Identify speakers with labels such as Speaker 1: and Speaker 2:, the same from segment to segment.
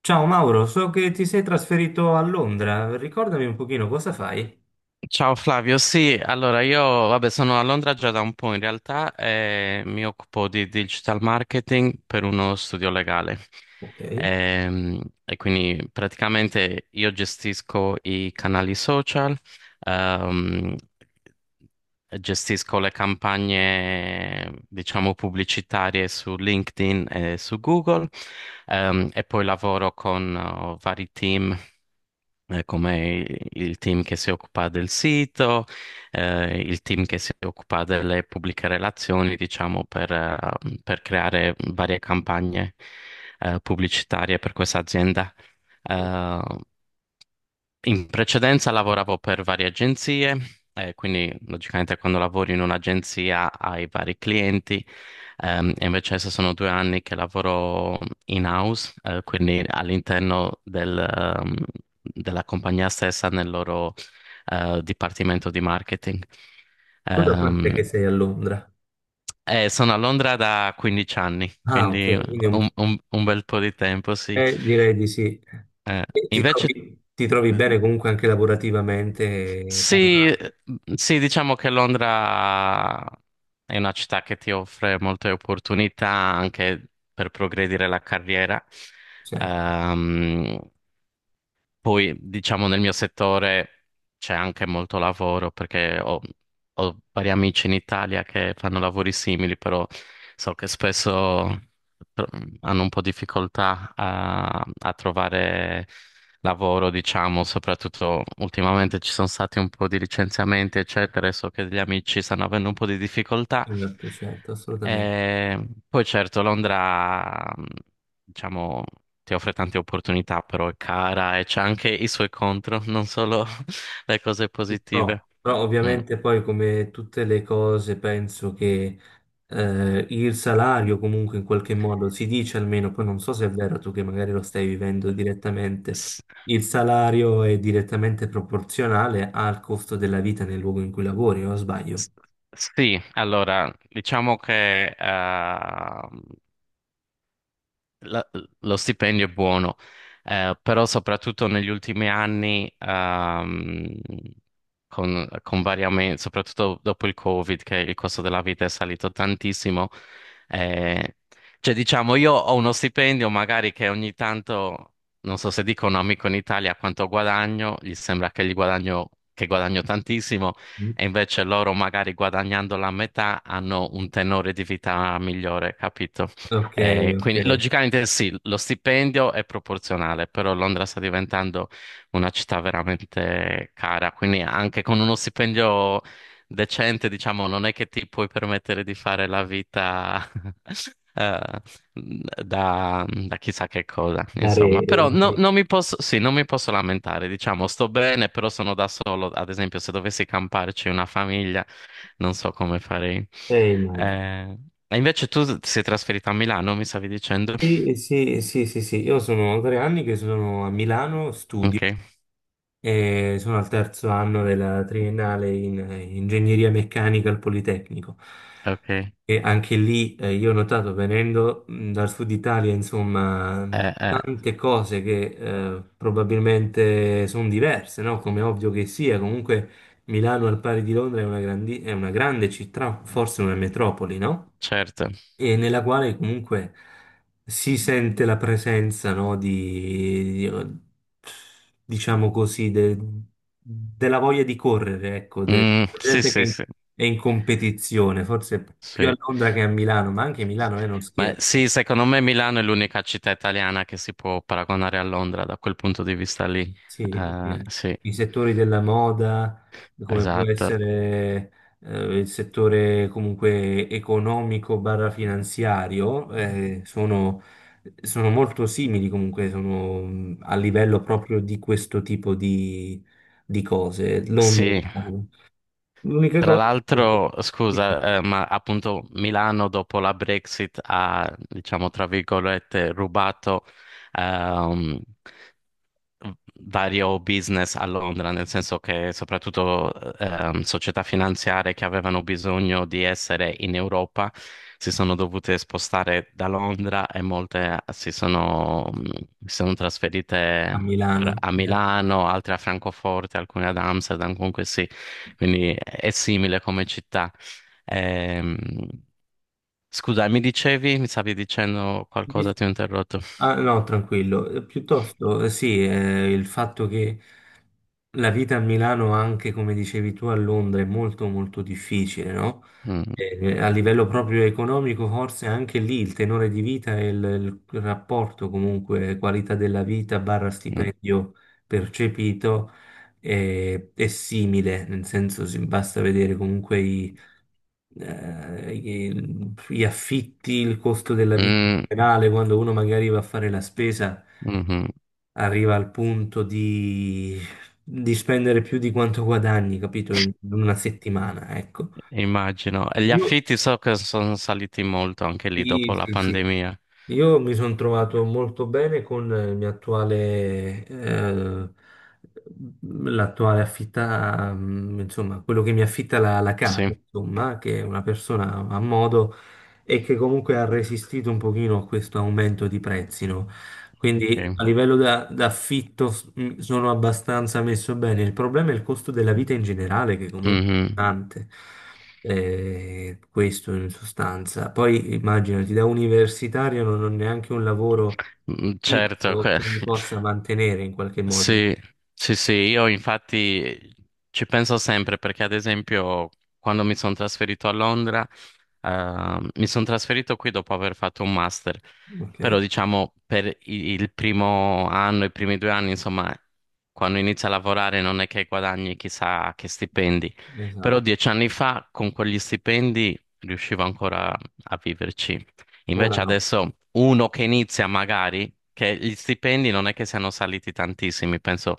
Speaker 1: Ciao Mauro, so che ti sei trasferito a Londra, ricordami un pochino cosa fai.
Speaker 2: Ciao Flavio, sì, allora io vabbè, sono a Londra già da un po' in realtà e mi occupo di digital marketing per uno studio legale.
Speaker 1: Ok,
Speaker 2: Quindi praticamente io gestisco i canali social, ehm, gestisco le campagne, diciamo, pubblicitarie su LinkedIn e su Google, e poi lavoro con vari team come il team che si occupa del sito, il team che si occupa delle pubbliche relazioni, diciamo, per creare varie campagne, pubblicitarie per questa azienda. Eh, In precedenza lavoravo per varie agenzie, quindi logicamente quando lavori in un'agenzia hai vari clienti, e invece adesso sono 2 anni che lavoro in-house, quindi all'interno del, della compagnia stessa nel loro, dipartimento di marketing.
Speaker 1: tu da
Speaker 2: Ehm,
Speaker 1: quant'è che sei a Londra?
Speaker 2: e sono a Londra da 15 anni,
Speaker 1: Ah,
Speaker 2: quindi
Speaker 1: ok, quindi è un
Speaker 2: un,
Speaker 1: po'.
Speaker 2: un bel po' di tempo, sì.
Speaker 1: Direi di sì. E ti
Speaker 2: Invece
Speaker 1: trovi, ti trovi bene comunque anche lavorativamente, eh,
Speaker 2: sì,
Speaker 1: parla-
Speaker 2: mhmm, sì, diciamo che Londra è una città che ti offre molte opportunità anche per progredire la carriera.
Speaker 1: certo,
Speaker 2: Ehm, Poi, diciamo, nel mio settore c'è anche molto lavoro perché ho vari amici in Italia che fanno lavori simili, però so che spesso tro- hanno un po' difficoltà a trovare lavoro, diciamo, soprattutto ultimamente ci sono stati un po' di licenziamenti, eccetera, e so che gli amici stanno avendo un po' di difficoltà.
Speaker 1: certo, certo, assolutamente.
Speaker 2: E poi certo, Londra, diciamo ti offre tante opportunità, però è cara e c'ha anche i suoi contro, non solo le cose
Speaker 1: Sì, Però,
Speaker 2: positive.
Speaker 1: però
Speaker 2: Mm.
Speaker 1: ovviamente poi come tutte le cose penso che il salario comunque in qualche modo si dice almeno, poi non so se è vero, tu che magari lo stai vivendo direttamente,
Speaker 2: S-
Speaker 1: il salario è direttamente proporzionale al costo della vita nel luogo in cui lavori, o sbaglio?
Speaker 2: s- Sì, allora, diciamo che la- lo stipendio è buono, però soprattutto negli ultimi anni, con vari soprattutto dopo il Covid, che il costo della vita è salito tantissimo, eh, cioè diciamo io ho uno stipendio magari che ogni tanto, non so se dico a un amico in Italia quanto guadagno, gli sembra che, gli guadagno, che guadagno tantissimo,
Speaker 1: Mm.
Speaker 2: e invece loro magari guadagnando la metà hanno un tenore di vita migliore, capito?
Speaker 1: Ok, ok.
Speaker 2: Quindi logicamente sì, lo stipendio è proporzionale, però Londra sta diventando una città veramente cara, quindi anche con uno stipendio decente, diciamo, non è che ti puoi permettere di fare la vita eh, mhmm, da, da chissà che cosa, insomma.
Speaker 1: Dare,
Speaker 2: Però
Speaker 1: una
Speaker 2: non
Speaker 1: freccia.
Speaker 2: mi posso, sì, non mi posso lamentare, diciamo, sto bene, però sono da solo. Ad esempio, se dovessi camparci una famiglia, non so come farei.
Speaker 1: Eh, immagino.
Speaker 2: Eh, e invece tu ti sei trasferita a Milano, mi stavi dicendo?
Speaker 1: Sì, sì, sì, sì, sì. Io sono tre anni che sono a Milano,
Speaker 2: Ok,
Speaker 1: e sono al terzo anno della triennale in ingegneria meccanica al Politecnico.
Speaker 2: ok.
Speaker 1: E anche lì, io ho notato, venendo, dal sud Italia, insomma,
Speaker 2: Eh,
Speaker 1: tante cose che probabilmente sono diverse, no? Come è ovvio che sia. Comunque Milano al pari di Londra è è una grande città, forse una metropoli, no?
Speaker 2: certo.
Speaker 1: E nella quale comunque si sente la presenza, no, diciamo così, della voglia di correre, ecco,
Speaker 2: Mm,
Speaker 1: della
Speaker 2: sì,
Speaker 1: gente che è
Speaker 2: sì,
Speaker 1: in,
Speaker 2: sì,
Speaker 1: è in competizione, forse più
Speaker 2: sì.
Speaker 1: a Londra che a Milano, ma anche Milano è non
Speaker 2: Ma
Speaker 1: scherzo.
Speaker 2: sì, secondo me Milano è l'unica città italiana che si può paragonare a Londra da quel punto di vista lì.
Speaker 1: Sì, sì, eh.
Speaker 2: Sì.
Speaker 1: I settori della moda, come può
Speaker 2: Esatto.
Speaker 1: essere il settore comunque economico barra finanziario, sono molto simili comunque, sono, a livello proprio di questo tipo di cose. Londra,
Speaker 2: Sì,
Speaker 1: eh. L'unica
Speaker 2: tra
Speaker 1: cosa
Speaker 2: l'altro,
Speaker 1: è che-
Speaker 2: scusa, ma appunto Milano dopo la Brexit ha, diciamo, tra virgolette, rubato ehm, vario business a Londra, nel senso che soprattutto società finanziarie che avevano bisogno di essere in Europa si sono dovute spostare da Londra e molte si sono, si sono
Speaker 1: a
Speaker 2: trasferite
Speaker 1: Milano.
Speaker 2: a
Speaker 1: Cioè,
Speaker 2: Milano, altre a Francoforte, alcune ad Amsterdam, comunque sì, quindi è simile come città. Ehm, Scusa, mi dicevi, mi stavi dicendo qualcosa, ti ho interrotto.
Speaker 1: ah, no, tranquillo. Piuttosto, sì, il fatto che la vita a Milano, anche come dicevi tu a Londra, è molto molto difficile, no?
Speaker 2: Mm,
Speaker 1: A livello proprio economico, forse anche lì il tenore di vita e il rapporto comunque qualità della vita barra
Speaker 2: mm,
Speaker 1: stipendio percepito è simile, nel senso basta vedere comunque gli affitti, il costo della vita in
Speaker 2: mm,
Speaker 1: generale, quando uno magari va a fare la spesa,
Speaker 2: mhm.
Speaker 1: arriva al punto di spendere più di quanto guadagni, capito, in una settimana, ecco.
Speaker 2: Immagino. E gli
Speaker 1: Io,
Speaker 2: affitti so che sono saliti molto anche lì dopo
Speaker 1: sì,
Speaker 2: la
Speaker 1: sì, sì.
Speaker 2: pandemia.
Speaker 1: Io mi sono trovato molto bene con il mio attuale, l'attuale affitta, insomma, quello che mi affitta la
Speaker 2: Sì,
Speaker 1: casa, insomma, che è una persona a modo e che comunque ha resistito un pochino a questo aumento di prezzi, no?
Speaker 2: ok.
Speaker 1: Quindi a livello d'affitto sono abbastanza messo bene. Il problema è il costo della vita in generale, che comunque è
Speaker 2: Mhm.
Speaker 1: pesante. Questo in sostanza. Poi immaginati, da universitario non ho neanche un lavoro
Speaker 2: Mm, certo,
Speaker 1: fisso che mi possa mantenere in qualche modo.
Speaker 2: sì, sì, sì, io infatti ci penso sempre perché ad esempio quando mi sono trasferito a Londra mi sono trasferito qui dopo aver fatto un master,
Speaker 1: Ok,
Speaker 2: però diciamo per il primo anno, i primi 2 anni, insomma, quando inizi a lavorare non è che guadagni chissà che stipendi, però
Speaker 1: esatto.
Speaker 2: 10 anni fa con quegli stipendi riuscivo ancora a viverci.
Speaker 1: Ora
Speaker 2: Invece
Speaker 1: no.
Speaker 2: adesso uno che inizia magari, che gli stipendi non è che siano saliti tantissimi, penso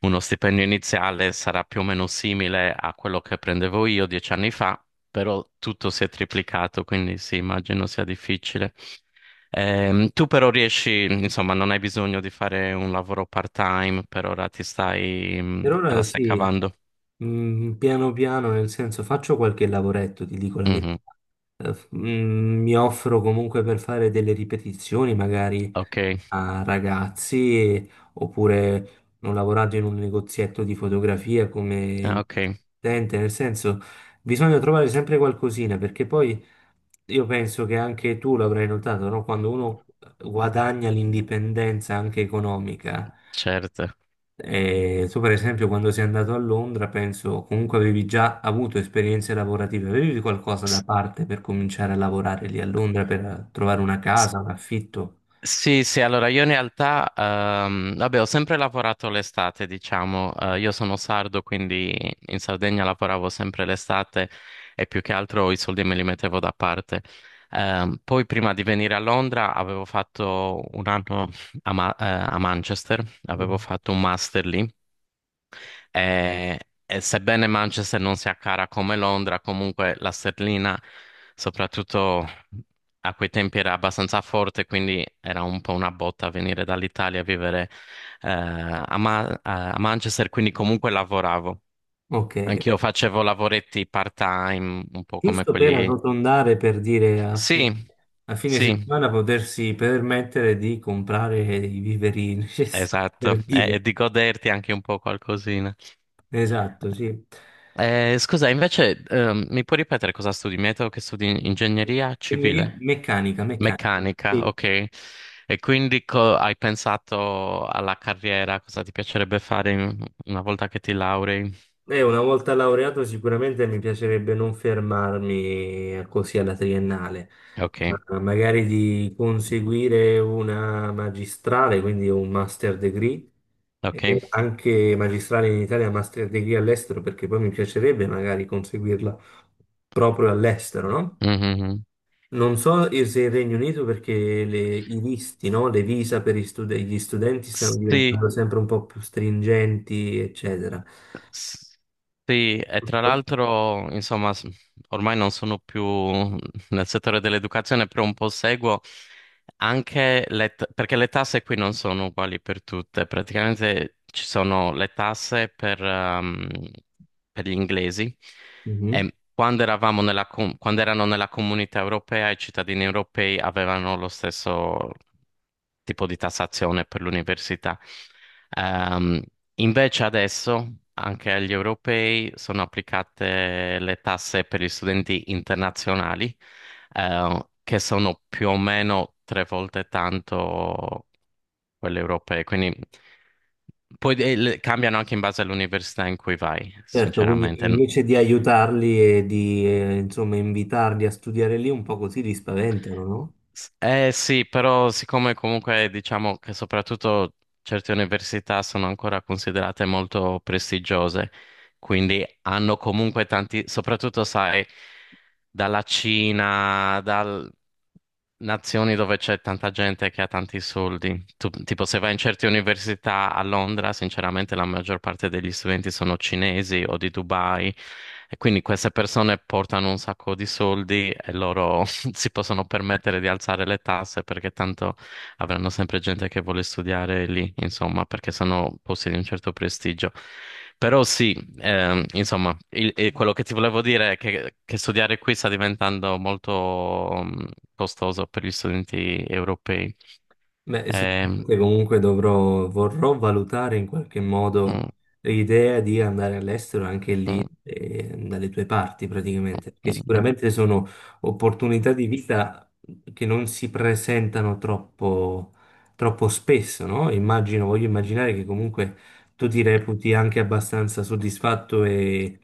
Speaker 2: uno stipendio iniziale sarà più o meno simile a quello che prendevo io 10 anni fa però tutto si è triplicato, quindi sì, immagino sia difficile. Tu però riesci, insomma, non hai bisogno di fare un lavoro part-time, per ora ti stai,
Speaker 1: Per
Speaker 2: te
Speaker 1: ora
Speaker 2: la stai
Speaker 1: sì,
Speaker 2: cavando.
Speaker 1: piano piano, nel senso faccio qualche lavoretto, ti dico la verità.
Speaker 2: Mhm,
Speaker 1: Mi offro comunque per fare delle ripetizioni, magari
Speaker 2: ok,
Speaker 1: a ragazzi, oppure ho lavorato in un negozietto di fotografia come un
Speaker 2: ah, ok,
Speaker 1: assistente, nel senso bisogna trovare sempre qualcosina, perché poi io penso che anche tu l'avrai notato, no? Quando uno guadagna l'indipendenza anche economica,
Speaker 2: certo.
Speaker 1: tu per esempio quando sei andato a Londra, penso comunque avevi già avuto esperienze lavorative, avevi qualcosa da
Speaker 2: S-
Speaker 1: parte per cominciare a lavorare lì a Londra per trovare una casa, un affitto?
Speaker 2: Sì, sì, allora io in realtà, vabbè, ho sempre lavorato l'estate, diciamo, eh, io sono sardo, quindi in Sardegna lavoravo sempre l'estate e più che altro i soldi me li mettevo da parte. Poi prima di venire a Londra avevo fatto un anno a, a Manchester, avevo
Speaker 1: Mm.
Speaker 2: fatto un master lì e, e sebbene Manchester non sia cara come Londra, comunque la sterlina, soprattutto a quei tempi, era abbastanza forte, quindi era un po' una botta venire dall'Italia a vivere a, a Manchester, quindi comunque lavoravo.
Speaker 1: Ok,
Speaker 2: Anch'io
Speaker 1: ok.
Speaker 2: facevo lavoretti part-time, un po' come
Speaker 1: Giusto per
Speaker 2: quelli...
Speaker 1: arrotondare, per dire
Speaker 2: Sì,
Speaker 1: a fine
Speaker 2: sì,
Speaker 1: settimana potersi permettere di comprare i viveri necessari
Speaker 2: esatto,
Speaker 1: per
Speaker 2: e
Speaker 1: vivere.
Speaker 2: di goderti anche un po' qualcosina.
Speaker 1: Esatto, sì.
Speaker 2: Scusa, invece, mi puoi ripetere cosa studi? Mi hai detto che studi ingegneria
Speaker 1: Quindi
Speaker 2: civile?
Speaker 1: meccanica, meccanica.
Speaker 2: Meccanica,
Speaker 1: Sì.
Speaker 2: ok. E quindi hai pensato alla carriera, cosa ti piacerebbe fare una volta che ti laurei?
Speaker 1: E una volta laureato sicuramente mi piacerebbe non fermarmi così alla triennale,
Speaker 2: Ok,
Speaker 1: ma magari di conseguire una magistrale, quindi un master degree, e
Speaker 2: ok.
Speaker 1: anche magistrale in Italia, master degree all'estero, perché poi mi piacerebbe magari conseguirla proprio all'estero, no?
Speaker 2: Mhm.
Speaker 1: Non so e se il Regno Unito perché i visti, no? Le visa per gli studenti stanno
Speaker 2: Sì,
Speaker 1: diventando sempre un po' più stringenti, eccetera.
Speaker 2: S- sì, e tra l'altro, insomma, ormai non sono più nel settore dell'educazione, però un po' seguo anche perché le tasse qui non sono uguali per tutte. Praticamente ci sono le tasse per gli inglesi
Speaker 1: Mhm.
Speaker 2: e quando eravamo nella, quando erano nella comunità europea, i cittadini europei avevano lo stesso tipo di tassazione per l'università. Ehm, Invece adesso anche agli europei sono applicate le tasse per gli studenti internazionali, che sono più o meno 3 volte tanto quelle europee. Quindi poi cambiano anche in base all'università in cui vai,
Speaker 1: Certo, quindi
Speaker 2: sinceramente.
Speaker 1: invece di aiutarli e di, insomma, invitarli a studiare lì, un po' così li spaventano, no?
Speaker 2: Eh sì, però siccome comunque diciamo che soprattutto certe università sono ancora considerate molto prestigiose, quindi hanno comunque tanti, soprattutto sai, dalla Cina, nazioni dove c'è tanta gente che ha tanti soldi. Tipo, se vai in certe università a Londra, sinceramente la maggior parte degli studenti sono cinesi o di Dubai, e quindi queste persone portano un sacco di soldi e loro si possono permettere di alzare le tasse perché tanto avranno sempre gente che vuole studiare lì, insomma, perché sono posti di un certo prestigio. Però sì, insomma, e quello che ti volevo dire è che studiare qui sta diventando molto mm, costoso per gli studenti europei.
Speaker 1: Beh,
Speaker 2: Ehm,
Speaker 1: sicuramente comunque dovrò, vorrò valutare in qualche modo
Speaker 2: mm,
Speaker 1: l'idea di andare all'estero anche
Speaker 2: mm,
Speaker 1: lì, dalle tue parti praticamente, perché
Speaker 2: mm, mm.
Speaker 1: sicuramente sono opportunità di vita che non si presentano troppo, troppo spesso, no? Immagino, voglio immaginare che comunque tu ti reputi anche abbastanza soddisfatto e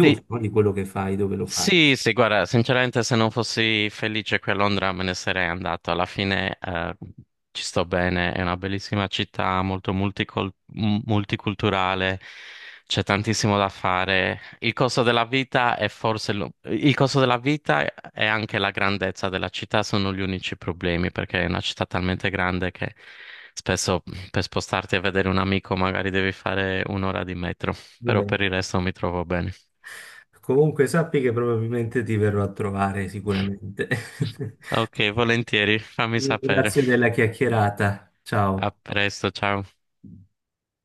Speaker 2: Sì,
Speaker 1: no, di quello che fai, dove lo fai.
Speaker 2: sì, sì, guarda, sinceramente se non fossi felice qui a Londra me ne sarei andato. Alla fine ci sto bene, è una bellissima città, molto multiculturale, c'è tantissimo da fare. Il costo della vita è forse il costo della vita e anche la grandezza della città sono gli unici problemi, perché è una città talmente grande che spesso per spostarti a vedere un amico magari devi fare un'ora di metro,
Speaker 1: Di
Speaker 2: però
Speaker 1: me.
Speaker 2: per il resto mi trovo bene.
Speaker 1: Comunque sappi che probabilmente ti verrò a trovare sicuramente.
Speaker 2: Ok, volentieri, fammi sapere.
Speaker 1: Grazie della chiacchierata.
Speaker 2: A
Speaker 1: Ciao.
Speaker 2: presto, ciao.